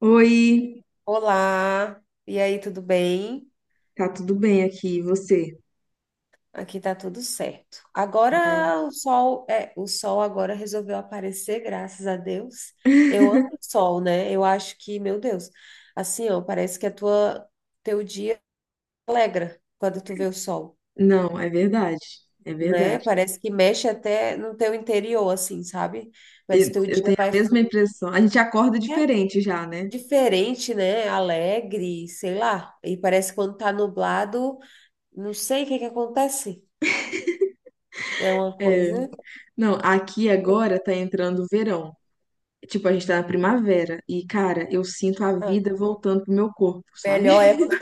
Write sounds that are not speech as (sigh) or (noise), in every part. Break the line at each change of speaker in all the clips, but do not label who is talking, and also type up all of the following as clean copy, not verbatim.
Oi,
Olá, e aí, tudo bem?
tá tudo bem aqui, e você?
Aqui tá tudo certo. Agora o sol, é, o sol agora resolveu aparecer, graças a Deus. Eu amo
(laughs)
o sol, né? Eu acho que, meu Deus, assim, ó, parece que a tua teu dia alegra quando tu vê o sol,
Não, é verdade, é
né?
verdade.
Parece que mexe até no teu interior, assim, sabe? Parece Mas
Eu,
teu
eu
dia
tenho a
vai
mesma
fluir,
impressão. A gente acorda
é
diferente já, né?
diferente, né? Alegre, sei lá. E parece que quando tá nublado, não sei o que que acontece. É uma
É.
coisa.
Não, aqui agora tá entrando o verão. Tipo, a gente tá na primavera e, cara, eu sinto a
Ah,
vida voltando pro meu corpo, sabe?
melhor é
(laughs)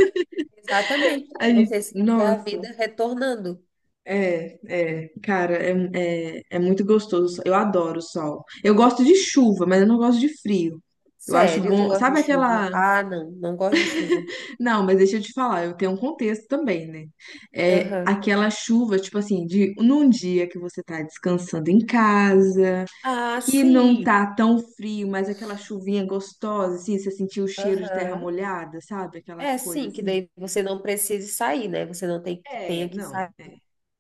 Exatamente.
A
É você
gente,
sentir a
nossa,
vida retornando.
é, cara, é muito gostoso. Eu adoro o sol. Eu gosto de chuva, mas eu não gosto de frio. Eu acho
Sério, tu
bom.
gosta de
Sabe
chuva?
aquela
Ah, não, não gosto de chuva.
Não, mas deixa eu te falar, eu tenho um contexto também, né? É
Aham.
aquela chuva, tipo assim, de num dia que você tá descansando em casa,
Ah,
que não
sim.
tá tão frio, mas aquela chuvinha gostosa, assim, você sentiu o cheiro de terra
Aham.
molhada, sabe? Aquela
É,
coisa
sim, que
assim.
daí você não precise sair, né? Você não tem que tenha
É,
que
não,
sair.
é.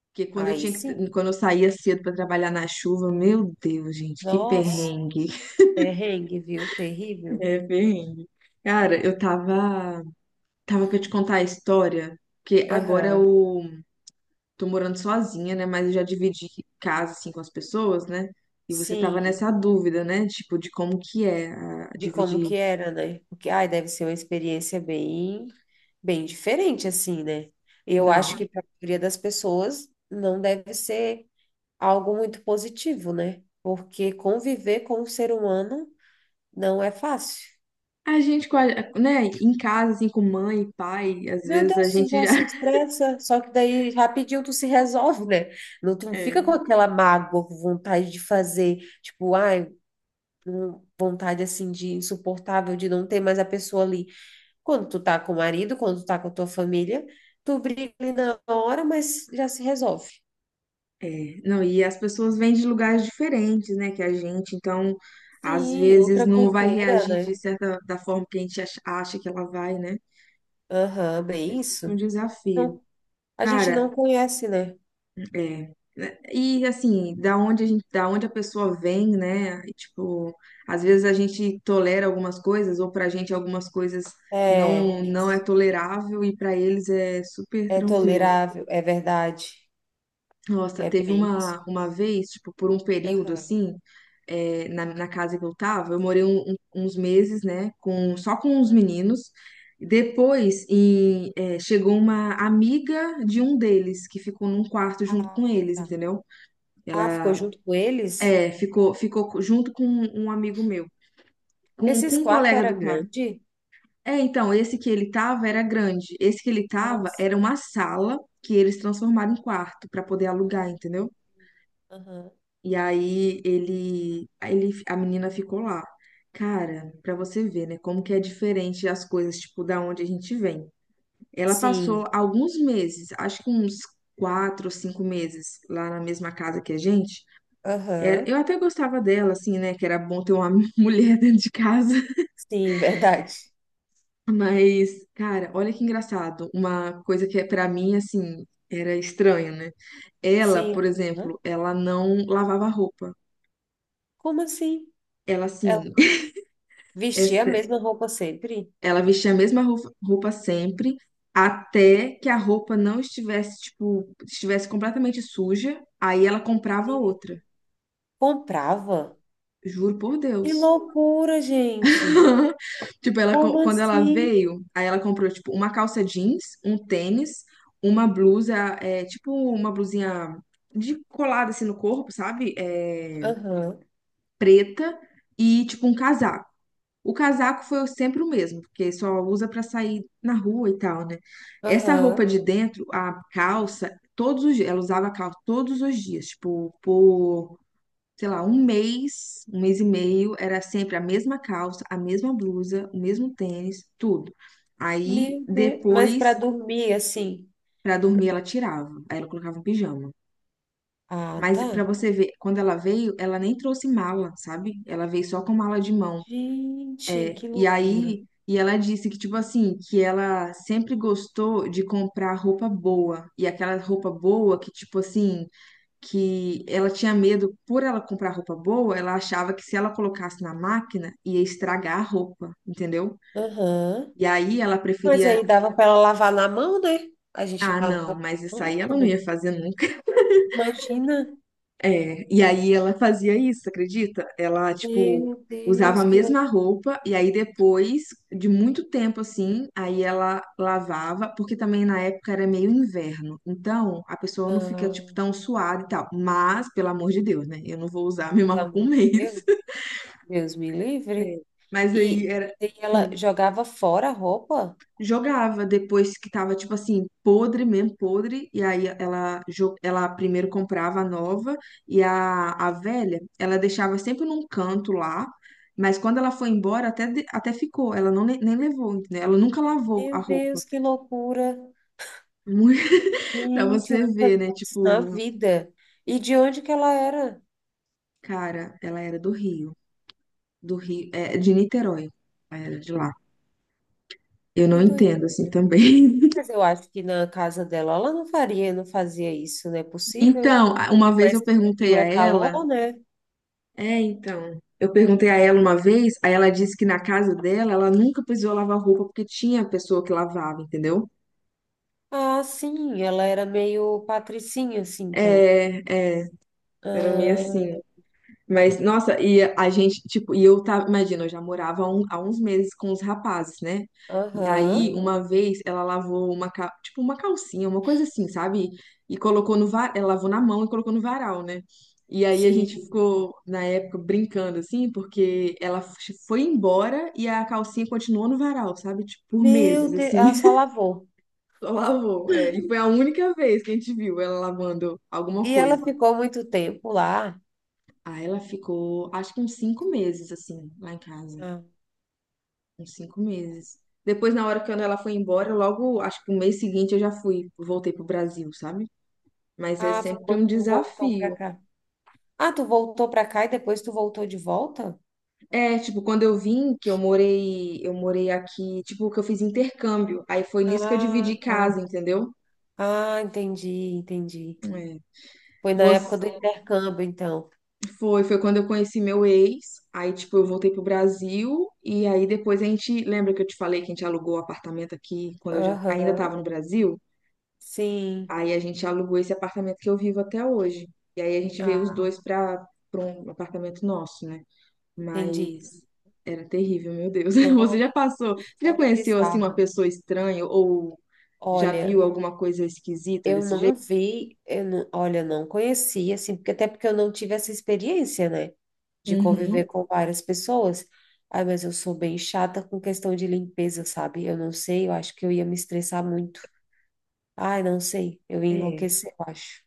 Porque
Aí sim.
quando eu saía cedo pra trabalhar na chuva, meu Deus, gente, que
Nossa,
perrengue.
perrengue, viu? Terrível.
É, perrengue. Cara, eu tava para te contar a história, porque agora
Aham.
o tô morando sozinha, né? Mas eu já dividi casa, assim, com as pessoas, né? E você tava
Sim.
nessa dúvida, né? Tipo, de como que é
de como
dividir.
que era, né? Porque, ai, deve ser uma experiência bem diferente, assim, né? Eu
Não.
acho que para a maioria das pessoas não deve ser algo muito positivo, né? Porque conviver com um ser humano não é fácil.
A gente, com a- Né? Em casa, assim, com mãe e pai, às
Meu
vezes a
Deus, tu
gente
já
já.
se
(laughs)
estressa, só que daí rapidinho tu se resolve, né? Não, tu não fica com
É.
aquela mágoa, com vontade de fazer, tipo, ai, vontade assim de insuportável de não ter mais a pessoa ali. Quando tu tá com o marido, quando tu tá com a tua família, tu briga ali na hora, mas já se resolve.
É. Não, e as pessoas vêm de lugares diferentes, né? Que a gente, então, às
Sim,
vezes
outra
não vai
cultura,
reagir de
né?
certa da forma que a gente acha que ela vai, né?
Aham, bem
É. Um
isso.
desafio.
Não, a gente não
Cara,
conhece, né?
é, né? E assim, da onde a pessoa vem, né? E, tipo, às vezes a gente tolera algumas coisas, ou pra gente algumas coisas
É
não é
isso.
tolerável e pra eles é super
É
tranquilo.
tolerável, é verdade.
Nossa,
É
teve
bem isso.
uma vez, tipo, por um período
Aham,
assim, na casa que eu tava, eu morei uns meses, né, com só com os
aham.
meninos. Depois, chegou uma amiga de um deles que ficou num quarto junto com
Ah,
eles,
tá.
entendeu?
Ah, ficou
Ela
junto com eles?
É, ficou junto com um amigo meu, com
Esses
um
quartos
colega
era
do quarto.
grande?
É, então, esse que ele tava era grande. Esse que ele
Ah,
tava
sim.
era uma sala que eles transformaram em quarto para poder alugar,
Ah,
entendeu?
aham.
E aí a menina ficou lá. Cara, para você ver, né, como que é diferente as coisas, tipo, da onde a gente vem. Ela passou
Sim.
alguns meses, acho que uns 4 ou 5 meses lá na mesma casa que a gente. É,
Aham.
eu até gostava dela, assim, né? Que era bom ter uma (laughs) mulher dentro de casa.
Sim, (laughs) verdade.
Mas, cara, olha que engraçado. Uma coisa que, é pra mim, assim, era estranha, né? Ela,
Sim.
por
Hã?
exemplo, ela não lavava roupa.
Como assim?
Ela,
É,
assim, (laughs)
vestia a
essa-
mesma roupa sempre?
ela vestia a mesma roupa sempre, até que a roupa não estivesse, tipo, estivesse completamente suja. Aí ela comprava
E
outra.
comprava?
Juro por
Que
Deus.
loucura, gente!
(laughs) Tipo,
Como
quando ela
assim?
veio, aí ela comprou, tipo, uma calça jeans, um tênis, uma blusa, tipo, uma blusinha de colada, assim, no corpo, sabe? É,
Aham,
preta e, tipo, um casaco. O casaco foi sempre o mesmo, porque só usa pra sair na rua e tal, né? Essa roupa
aham.
de dentro, a calça, todos os dias, ela usava a calça todos os dias, tipo, por sei lá, um mês e meio, era sempre a mesma calça, a mesma blusa, o mesmo tênis, tudo. Aí
Meu Deus. Mas
depois,
para dormir, assim.
pra dormir, ela tirava, aí ela colocava um pijama.
Ah,
Mas
tá.
pra você ver, quando ela veio, ela nem trouxe mala, sabe? Ela veio só com mala de mão.
Gente, que
E
loucura.
aí, ela disse que, tipo assim, que ela sempre gostou de comprar roupa boa. E aquela roupa boa que, tipo assim, que ela tinha medo, por ela comprar roupa boa, ela achava que se ela colocasse na máquina, ia estragar a roupa, entendeu?
Aham.
E aí ela
Mas
preferia,
aí dava para ela lavar na mão, né? A gente
ah, não,
lavou
mas
na
isso
mão
aí ela não
também.
ia fazer nunca. (laughs)
Imagina.
É, e aí ela fazia isso, acredita? Ela, tipo,
Meu
usava a
Deus, que
mesma
loucura.
roupa e aí depois de muito tempo assim, aí ela lavava, porque também na época era meio inverno. Então, a pessoa não fica tipo
Ah,
tão suada e tal. Mas, pelo amor de Deus, né? Eu não vou usar a mesma
pelo
roupa um (laughs)
amor de
mês.
Deus. Deus me livre.
É, mas aí
E,
era.
e ela
hum,
jogava fora a roupa?
Jogava depois que tava, tipo assim, podre mesmo, podre. E aí ela primeiro comprava a nova e a velha, ela deixava sempre num canto lá. Mas quando ela foi embora, até ficou. Ela não, nem levou, entendeu? Ela nunca lavou a
Meu
roupa.
Deus, que
(laughs)
loucura.
Muito- Pra
Gente,
você
nunca
ver,
vi
né?
isso na
Tipo,
vida. E de onde que ela era?
cara, ela era do Rio. Do Rio, é, de Niterói. Ela era de lá. Eu
Que
não
doido.
entendo, assim, também. (laughs)
Mas eu acho que na casa dela ela não faria, não fazia isso, não é possível.
Então, uma vez eu
Mas
perguntei
Rio
a
é
ela.
calor, né?
É, então. Eu perguntei a ela uma vez, aí ela disse que na casa dela ela nunca precisou lavar roupa porque tinha pessoa que lavava, entendeu?
Ah, sim, ela era meio patricinha, assim, então.
É, é, era meio
Ah, ent-
assim. Mas, nossa, e eu tava, imagina, eu já morava há uns meses com os rapazes, né? E
Aham,
aí, uhum. Uma vez, ela lavou tipo, uma calcinha, uma coisa assim, sabe? E colocou no varal, ela lavou na mão e colocou no varal, né? E aí a
sim.
gente ficou, na época, brincando, assim, porque ela foi embora e a calcinha continuou no varal, sabe? Tipo, por
Meu
meses,
Deus,
assim,
ela só
(laughs)
lavou.
só lavou. É, e foi a única vez que a gente viu ela lavando alguma
E ela
coisa.
ficou muito tempo lá.
Ah, ela ficou, acho que uns 5 meses, assim, lá em casa.
Ah,
Uns cinco meses. Depois, na hora que ela foi embora, logo, acho que no mês seguinte eu já fui, voltei pro Brasil, sabe? Mas é
ah, foi
sempre um
quando tu voltou pra
desafio.
cá. Ah, tu voltou pra cá e depois tu voltou de volta?
É, tipo, quando eu vim, que eu morei aqui, tipo, que eu fiz intercâmbio. Aí foi nisso que eu
Ah,
dividi
tá.
casa, entendeu?
Ah, entendi.
É.
Foi na
Você,
época do intercâmbio, então.
foi quando eu conheci meu ex. Aí, tipo, eu voltei pro Brasil. E aí depois a gente, lembra que eu te falei que a gente alugou o apartamento aqui quando eu já ainda tava
Aham,
no Brasil?
sim.
Aí a gente alugou esse apartamento que eu vivo até hoje. E aí a gente veio os
Ah,
dois para um apartamento nosso, né?
entendi.
Mas era terrível, meu Deus. (laughs) Você
Nossa,
já
que
passou? Você já
história
conheceu assim uma
bizarra.
pessoa estranha ou já
Olha,
viu alguma coisa esquisita
eu
desse
não
jeito?
vi, eu não, olha, não conheci, assim, porque até porque eu não tive essa experiência, né? De conviver
Uhum.
com várias pessoas. Ai, mas eu sou bem chata com questão de limpeza, sabe? Eu não sei, eu acho que eu ia me estressar muito. Ai, não sei, eu ia
É.
enlouquecer, eu acho.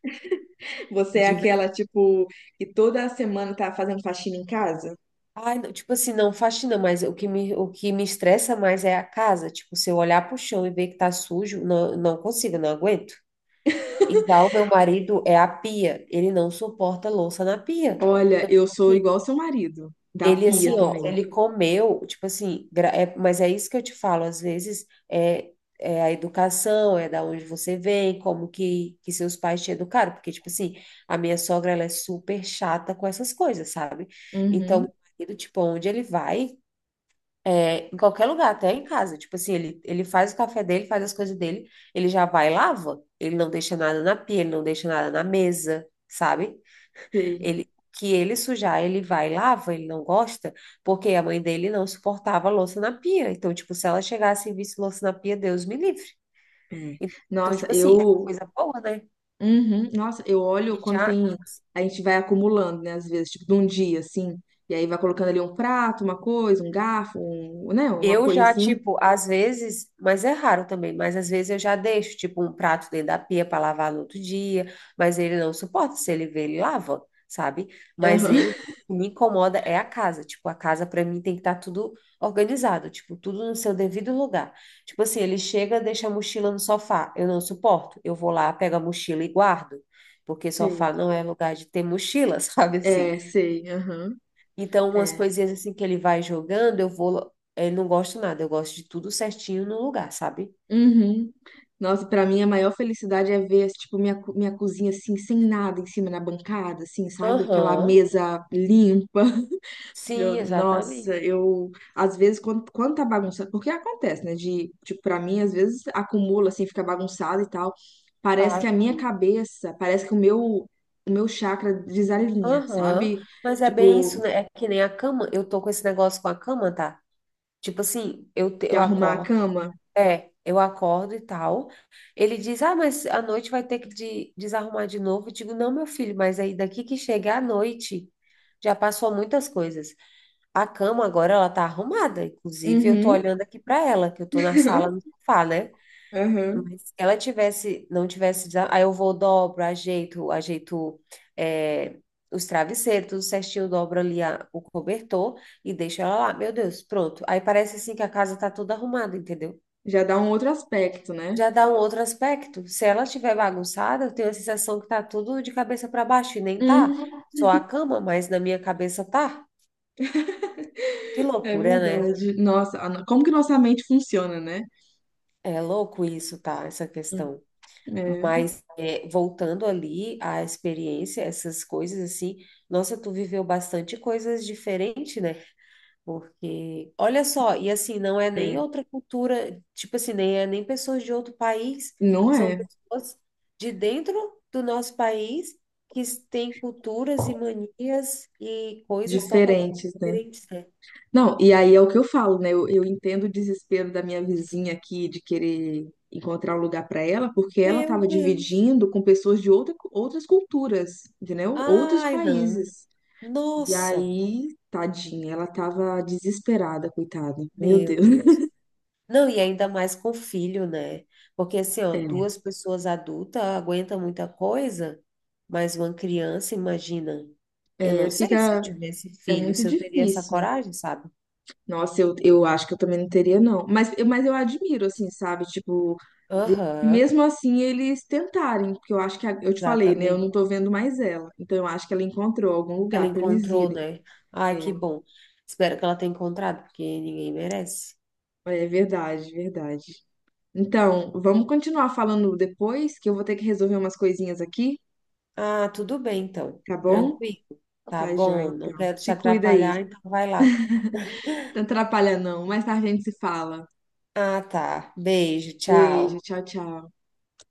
Você é aquela, tipo, que toda semana tá fazendo faxina em casa?
Ai, não, tipo assim, não faxina, mas o que me estressa mais é a casa. Tipo, se eu olhar pro chão e ver que tá sujo, não, não consigo, não aguento. Então, meu marido é a pia. Ele não suporta louça na pia.
Olha,
Então,
eu sou igual seu marido, da
ele,
pia
assim,
também.
ó, ele comeu, tipo assim, mas é isso que eu te falo, às vezes é, é a educação, é da onde você vem, que seus pais te educaram. Porque, tipo assim, a minha sogra, ela é super chata com essas coisas, sabe? Então, meu
Uhum,
marido, tipo, onde ele vai. É, em qualquer lugar, até em casa. Tipo assim, ele faz o café dele, faz as coisas dele, ele já vai e lava. Ele não deixa nada na pia, ele não deixa nada na mesa, sabe?
sei.
Ele, que ele sujar, ele vai e lava, ele não gosta, porque a mãe dele não suportava louça na pia. Então, tipo, se ela chegasse e visse louça na pia, Deus me livre.
É.
Então,
Nossa,
tipo assim, é uma
eu
coisa boa, né?
uhum. Nossa, eu olho
E
quando
já
tem. A gente vai acumulando, né? Às vezes, tipo, de um dia, assim. E aí vai colocando ali um prato, uma coisa, um garfo, né? Uma
Eu
coisa
já,
assim.
tipo, às vezes, mas é raro também, mas às vezes eu já deixo, tipo, um prato dentro da pia para lavar no outro dia, mas ele não suporta, se ele vê, ele lava, sabe? Mas
Aham.
eu, o que
(laughs)
me incomoda é a casa, tipo, a casa para mim tem que estar tudo organizado, tipo, tudo no seu devido lugar. Tipo assim, ele chega, deixa a mochila no sofá, eu não suporto, eu vou lá, pego a mochila e guardo, porque
Sei.
sofá não é lugar de ter mochila, (laughs) sabe assim?
É, sei. Aham.
Então, umas
É.
coisinhas assim que ele vai jogando, eu vou. Ele não gosto nada, eu gosto de tudo certinho no lugar, sabe?
Uhum. Nossa, pra mim a maior felicidade é ver, tipo, minha cozinha assim, sem nada em cima na bancada, assim, sabe? Aquela
Aham.
mesa limpa.
Sim,
Nossa,
exatamente.
eu às vezes quando tá bagunçado, porque acontece, né? De, tipo, pra mim, às vezes acumula assim, fica bagunçado e tal. Parece que
Ah,
a minha cabeça, parece que o meu chakra desalinha,
aham.
sabe?
Mas é bem isso,
Tipo,
né? É que nem a cama. Eu tô com esse negócio com a cama, tá? Tipo assim,
de
eu
arrumar a
acordo.
cama.
É, eu acordo e tal. Ele diz, ah, mas à noite vai ter desarrumar de novo. Eu digo, não, meu filho, mas aí daqui que chega à noite, já passou muitas coisas. A cama agora ela tá arrumada, inclusive eu tô
Uhum,
olhando aqui para ela, que eu tô na sala no
(laughs)
sofá, né?
aham.
Mas se ela tivesse, não tivesse, aí eu vou dobro, ajeito é, os travesseiros, tudo certinho, dobro ali o cobertor e deixo ela lá. Meu Deus, pronto. Aí parece assim que a casa tá toda arrumada, entendeu?
Já dá um outro aspecto, né?
Já dá um outro aspecto. Se ela estiver bagunçada, eu tenho a sensação que tá tudo de cabeça para baixo e nem tá.
Uhum.
Só a cama, mas na minha cabeça tá. Que
(laughs) É
loucura, né?
verdade. Nossa, a no- como que nossa mente funciona, né?
É louco isso, tá? Essa questão.
É,
Mas é, voltando ali à experiência, essas coisas assim, nossa, tu viveu bastante coisas diferentes, né? Porque, olha só, e assim, não é nem
é.
outra cultura, tipo assim, nem pessoas de outro país,
Não
são
é?
pessoas de dentro do nosso país que têm culturas e manias e coisas totalmente
Diferentes, né?
diferentes, né?
Não, e aí é o que eu falo, né? Eu entendo o desespero da minha vizinha aqui de querer encontrar um lugar para ela, porque ela
Meu
estava
Deus.
dividindo com pessoas de outras culturas, entendeu? Outros
Ai, não.
países. E
Nossa,
aí, tadinha, ela estava desesperada, coitada. Meu
meu
Deus.
Deus. Não, e ainda mais com filho, né? Porque assim, ó, duas
(laughs)
pessoas adultas aguentam muita coisa, mas uma criança, imagina. Eu não
É,
sei se eu tivesse
é
filho,
muito
se eu teria essa
difícil.
coragem, sabe?
Nossa, eu acho que eu também não teria, não. Mas, eu admiro, assim, sabe? Tipo,
Aham,
mesmo assim eles tentarem, porque eu acho que, eu te falei, né? Eu
exatamente.
não tô vendo mais ela. Então eu acho que ela encontrou algum
Ela
lugar pra eles
encontrou,
irem.
né? Ai,
É,
que bom. Espero que ela tenha encontrado, porque ninguém merece.
é verdade, verdade. Então, vamos continuar falando depois, que eu vou ter que resolver umas coisinhas aqui,
Ah, tudo bem, então.
tá bom?
Tranquilo. Tá
Tá, joia,
bom, não
então.
quero te
Se cuida aí.
atrapalhar, então vai lá.
Não atrapalha, não. Mais tarde a gente se fala.
Ah, tá. Beijo,
Beijo,
tchau.
tchau, tchau.